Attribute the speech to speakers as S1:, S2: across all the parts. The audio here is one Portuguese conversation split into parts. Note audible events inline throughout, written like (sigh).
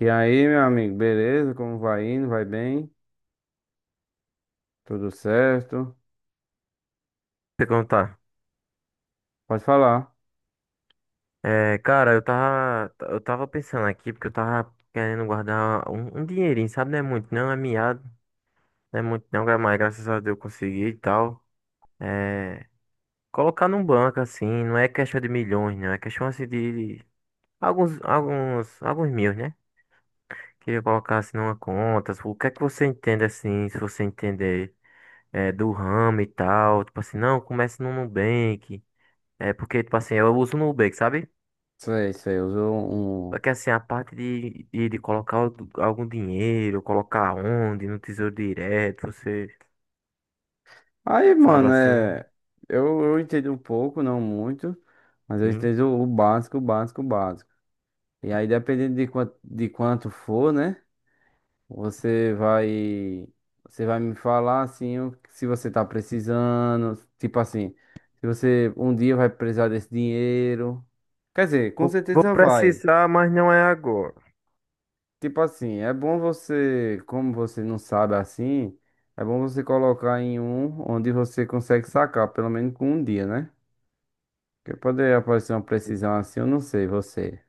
S1: E aí, meu amigo, beleza? Como vai indo? Vai bem? Tudo certo?
S2: Perguntar.
S1: Pode falar.
S2: É, cara, eu tava pensando aqui porque eu tava querendo guardar um dinheirinho, sabe? Não é muito, não é miado, não é muito, não, mas graças a Deus eu consegui e tal. É, colocar num banco assim, não é questão de milhões, não, é questão assim de alguns mil, né? Queria colocar assim numa conta. O que é que você entende assim, se você entender do ramo e tal? Tipo assim, não, comece no Nubank. É porque, tipo assim, eu uso o Nubank, sabe?
S1: Sei, sei, usou
S2: Só
S1: um.
S2: que assim, a parte de colocar algum dinheiro, colocar onde, no Tesouro Direto, você
S1: Aí,
S2: sabe
S1: mano,
S2: assim,
S1: é. Eu entendo um pouco, não muito, mas eu
S2: sim.
S1: entendo o básico, o básico, o básico. E aí, dependendo de quanto for, né? Você vai. Você vai me falar, assim, se você tá precisando. Tipo assim, se você um dia vai precisar desse dinheiro. Quer dizer, com
S2: Vou
S1: certeza vai.
S2: precisar, mas não é agora.
S1: Tipo assim, é bom você, como você não sabe assim, é bom você colocar em um onde você consegue sacar, pelo menos com um dia, né? Porque poderia aparecer uma precisão assim, eu não sei, você.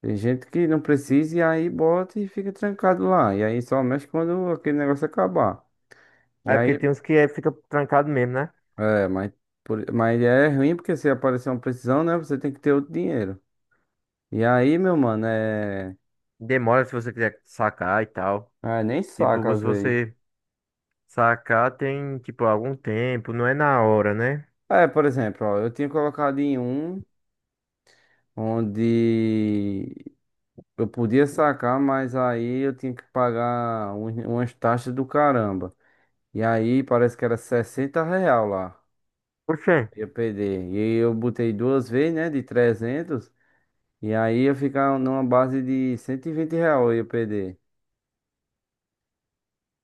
S1: Tem gente que não precisa e aí bota e fica trancado lá. E aí só mexe quando aquele negócio acabar. E
S2: É
S1: aí,
S2: porque tem uns que fica trancado mesmo, né?
S1: é, mas, mas é ruim porque se aparecer uma precisão, né? Você tem que ter outro dinheiro. E aí, meu mano, é.
S2: Demora se você quiser sacar e tal.
S1: Ah, nem saca
S2: Tipo,
S1: às
S2: se
S1: vezes.
S2: você sacar tem, tipo, algum tempo, não é na hora, né?
S1: É, por exemplo, ó, eu tinha colocado em um onde eu podia sacar, mas aí eu tinha que pagar umas taxas do caramba. E aí parece que era 60 real lá,
S2: Oxê.
S1: eu perder. E aí eu botei duas vezes, né, de 300. E aí eu ficar numa base de 120 real, eu ia perder.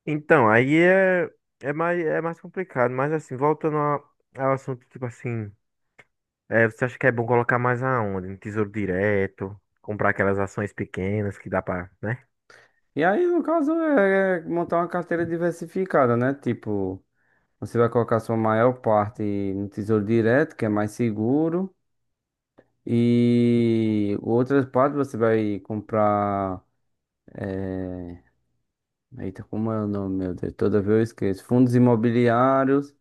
S2: Então, aí é mais complicado. Mas assim, voltando ao assunto, tipo assim. É, você acha que é bom colocar mais aonde? No Tesouro Direto, comprar aquelas ações pequenas que dá pra, né?
S1: E aí, no caso, é montar uma carteira diversificada, né? Tipo, você vai colocar sua maior parte no Tesouro Direto, que é mais seguro, e outras partes você vai comprar. Eita, como é o nome, meu Deus? Toda vez eu esqueço. Fundos imobiliários.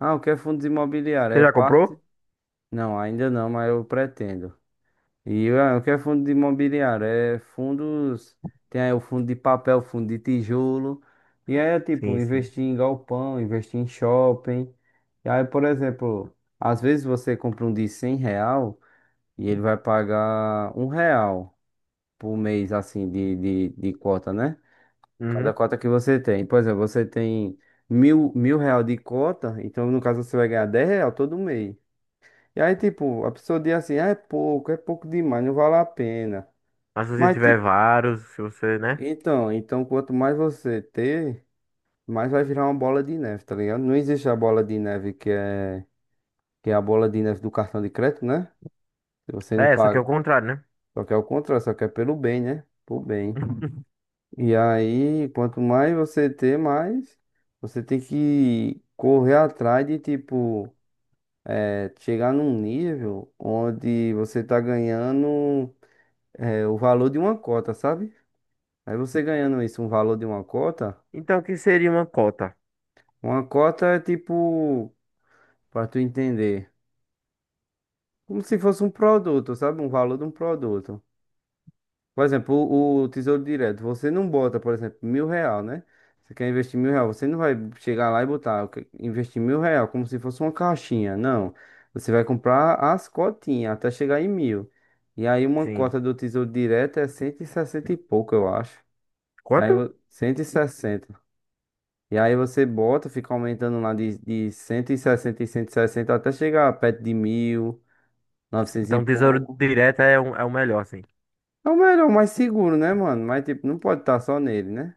S1: Ah, o que é fundos imobiliários?
S2: Você
S1: É
S2: já
S1: parte?
S2: comprou?
S1: Não, ainda não, mas eu pretendo. E ah, o que é fundo de imobiliário? É fundos. Tem aí o fundo de papel, fundo de tijolo. E aí é tipo,
S2: Sim, sim.
S1: investir em galpão, investir em shopping. E aí, por exemplo, às vezes você compra um de 100 real e ele vai pagar um real por mês, assim, de, cota, né? Cada
S2: Uhum.
S1: cota que você tem. Por exemplo, você tem mil real de cota, então no caso você vai ganhar 10 real todo mês. E aí, tipo, a pessoa diz assim, ah, é pouco demais, não vale a pena.
S2: Mas se você
S1: Mas,
S2: tiver vários, se você, né?
S1: então, quanto mais você ter, mais vai virar uma bola de neve, tá ligado? Não existe a bola de neve que é a bola de neve do cartão de crédito, né? Se você não
S2: É, só que é o
S1: paga,
S2: contrário, né?
S1: só que é o contrário, só que é pelo bem, né? Por bem.
S2: (laughs)
S1: E aí, quanto mais você ter, mais você tem que correr atrás de, tipo, chegar num nível onde você tá ganhando, o valor de uma cota, sabe? Aí você ganhando isso, um valor de
S2: Então, o que seria uma cota?
S1: uma cota é tipo, pra tu entender, como se fosse um produto, sabe? Um valor de um produto. Por exemplo, o Tesouro Direto, você não bota, por exemplo, mil real, né? Você quer investir mil real, você não vai chegar lá e botar, investir mil real como se fosse uma caixinha, não. Você vai comprar as cotinhas até chegar em mil. E aí uma
S2: Sim.
S1: cota do Tesouro Direto é cento e sessenta e pouco, eu acho. E aí,
S2: Quanto?
S1: 160 e sessenta. E aí você bota, fica aumentando lá de 160 e sessenta e cento e sessenta até chegar perto de mil, 900 e
S2: Então, um Tesouro
S1: pouco.
S2: Direto é o melhor, assim.
S1: É o melhor, o mais seguro, né, mano? Mas, tipo, não pode estar só nele, né?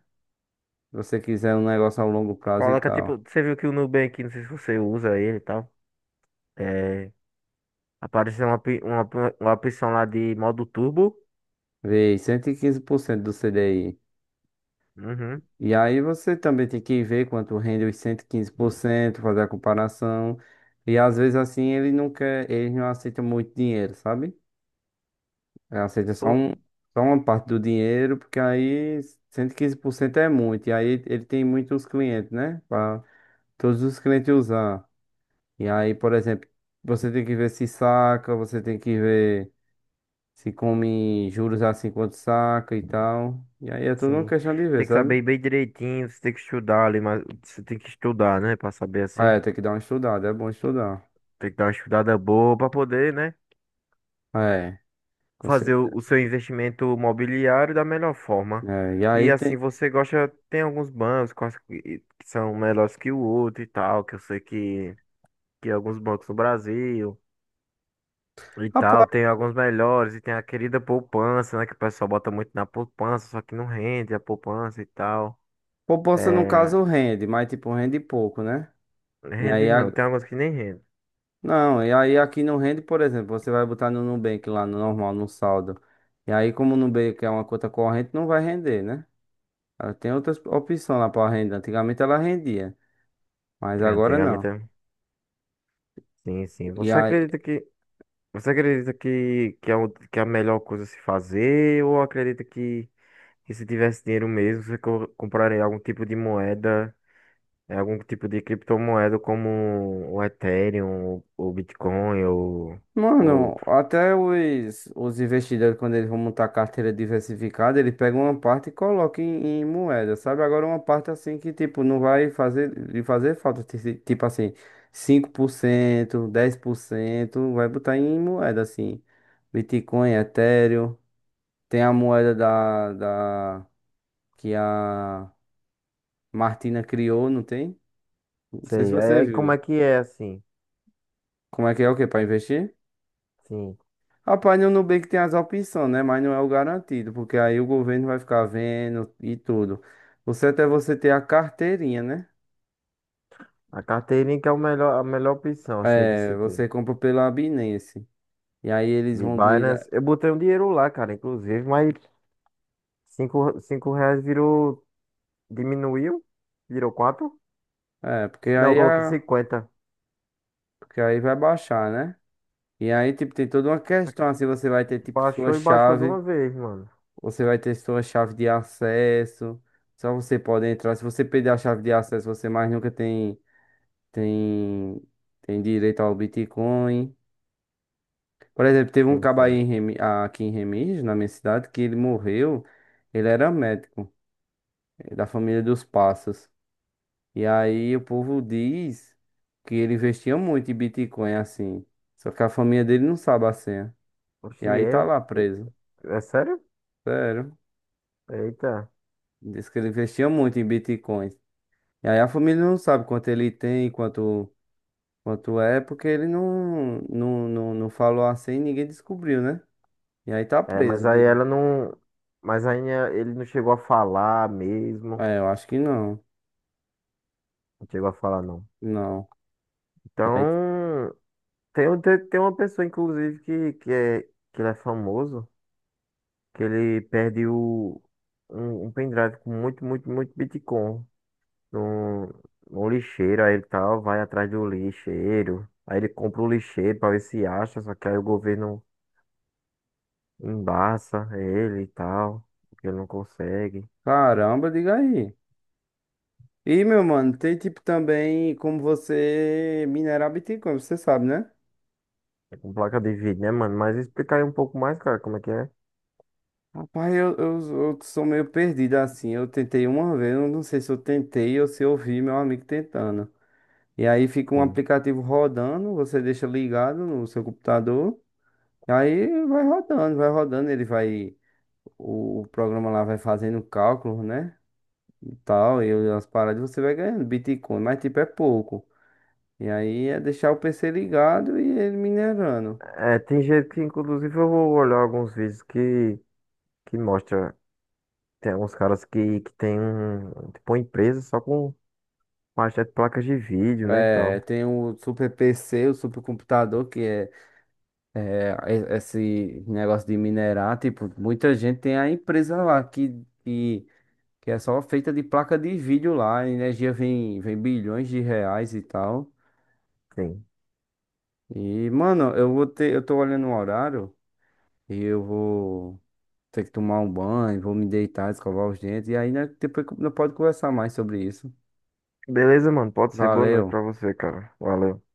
S1: Se você quiser um negócio a longo prazo e
S2: Coloca,
S1: tal.
S2: tipo, você viu que o Nubank, não sei se você usa ele e tal. É, apareceu uma opção lá de modo turbo.
S1: Vê, 115% do CDI.
S2: Uhum.
S1: E aí você também tem que ver quanto rende os 115%, fazer a comparação. E às vezes assim ele não quer, eles não aceitam muito dinheiro, sabe? Ele aceita só uma parte do dinheiro, porque aí 115% é muito. E aí ele tem muitos clientes, né? Para todos os clientes usar. E aí, por exemplo, você tem que ver se saca, você tem que ver se come juros assim quando saca e tal. E aí é tudo uma
S2: Sim.
S1: questão de ver,
S2: Tem que
S1: sabe?
S2: saber bem direitinho, você tem que estudar ali, mas você tem que estudar, né? Pra saber
S1: Ah,
S2: assim.
S1: é, tem que dar uma estudada, é bom estudar.
S2: Tem que dar uma estudada boa pra poder, né?
S1: É, com
S2: Fazer o
S1: certeza.
S2: seu investimento mobiliário da melhor forma.
S1: É, e
S2: E
S1: aí
S2: assim,
S1: tem.
S2: você gosta, tem alguns bancos quais que são melhores que o outro e tal, que eu sei que alguns bancos no Brasil e tal,
S1: Rapaz,
S2: tem alguns melhores e tem a querida poupança, né? Que o pessoal bota muito na poupança, só que não rende a poupança e tal.
S1: poupança no
S2: É,
S1: caso rende, mas tipo, rende pouco, né? E aí.
S2: rende não, tem alguns que nem rende.
S1: Não, e aí aqui no rende, por exemplo, você vai botar no Nubank lá no normal, no saldo. E aí, como o Nubank é uma conta corrente, não vai render, né? Ela tem outras opções lá para renda. Antigamente ela rendia, mas
S2: É,
S1: agora
S2: antigamente,
S1: não.
S2: sim, sim.
S1: E aí.
S2: Você acredita que é a melhor coisa a se fazer ou acredita que se tivesse dinheiro mesmo, você compraria algum tipo de moeda, algum tipo de criptomoeda como o Ethereum, o Bitcoin ou
S1: Mano,
S2: outro?
S1: até os, investidores, quando eles vão montar carteira diversificada, eles pegam uma parte e colocam em moeda, sabe? Agora uma parte assim que, tipo, não vai fazer, lhe fazer falta, tipo assim, 5% 10%, vai botar em moeda, assim, Bitcoin, Ethereum, tem a moeda que a Martina criou, não tem? Não sei se
S2: Sei. Aí
S1: você
S2: aí como é
S1: viu.
S2: que é assim?
S1: Como é que é o que para investir?
S2: Sim.
S1: Rapaz, no Nubank tem as opções, né? Mas não é o garantido, porque aí o governo vai ficar vendo e tudo. O certo é você ter a carteirinha, né?
S2: A carteirinha que é o melhor, a melhor opção assim de
S1: É,
S2: se ter.
S1: você compra pela Binance. E aí eles
S2: De
S1: vão
S2: Binance,
S1: lidar.
S2: eu botei um dinheiro lá, cara, inclusive, mas cinco reais virou. Diminuiu, virou quatro.
S1: É, porque
S2: Não, eu
S1: aí,
S2: coloquei
S1: a...
S2: 50.
S1: Porque aí vai baixar, né? E aí, tipo, tem toda uma questão assim, você vai ter, tipo, sua
S2: Baixou e baixou de
S1: chave,
S2: uma vez, mano.
S1: você vai ter sua chave de acesso. Só você pode entrar. Se você perder a chave de acesso, você mais nunca tem, tem direito ao Bitcoin. Por exemplo, teve um
S2: Sim,
S1: cabo aí
S2: sim.
S1: em aqui em Remígio, na minha cidade, que ele morreu. Ele era médico, da família dos Passos. E aí o povo diz que ele investia muito em Bitcoin, assim. Só que a família dele não sabe a senha.
S2: Oxi,
S1: E aí tá
S2: eu.
S1: lá preso.
S2: É sério?
S1: Sério.
S2: Eita.
S1: Diz que ele investia muito em Bitcoin. E aí a família não sabe quanto ele tem, quanto é, porque ele não falou a senha e ninguém descobriu, né? E aí tá
S2: É, mas
S1: preso.
S2: aí ela não. Mas aí ele não chegou a falar mesmo.
S1: É, eu acho que não.
S2: Não chegou a falar, não.
S1: Não.
S2: Então. Tem uma pessoa, inclusive, que ele é famoso. Que ele perde um pendrive com muito, muito, muito Bitcoin. no, no lixeiro, aí ele tal, vai atrás do lixeiro. Aí ele compra o lixeiro pra ver se acha, só que aí o governo embaça ele e tal, porque ele não consegue.
S1: Caramba, diga aí. E, meu mano, tem tipo também como você minerar Bitcoin, você sabe, né?
S2: É com placa de vídeo, né, mano? Mas explica aí um pouco mais, cara, como é que é.
S1: Rapaz, eu sou meio perdido assim. Eu tentei uma vez, eu não sei se eu tentei ou se eu vi meu amigo tentando. E aí fica um
S2: Sim.
S1: aplicativo rodando, você deixa ligado no seu computador, aí vai rodando, ele vai. o, programa lá vai fazendo cálculos, né? E tal, e as paradas você vai ganhando Bitcoin, mas tipo é pouco. E aí é deixar o PC ligado e ele minerando.
S2: É, tem gente que, inclusive, eu vou olhar alguns vídeos que mostra, tem alguns caras que tem um, tipo, uma empresa só com bastante placas de vídeo, né, e
S1: É,
S2: tal.
S1: tem o super PC, o super computador, que é esse negócio de minerar. Tipo, muita gente tem a empresa lá que, é só feita de placa de vídeo lá. A energia vem bilhões de reais e tal.
S2: Sim.
S1: E, mano, eu tô olhando o horário e eu vou ter que tomar um banho, vou me deitar, escovar os dentes. E aí, né, depois não pode conversar mais sobre isso.
S2: Beleza, mano, pode ser boa noite
S1: Valeu.
S2: pra você, cara. Valeu.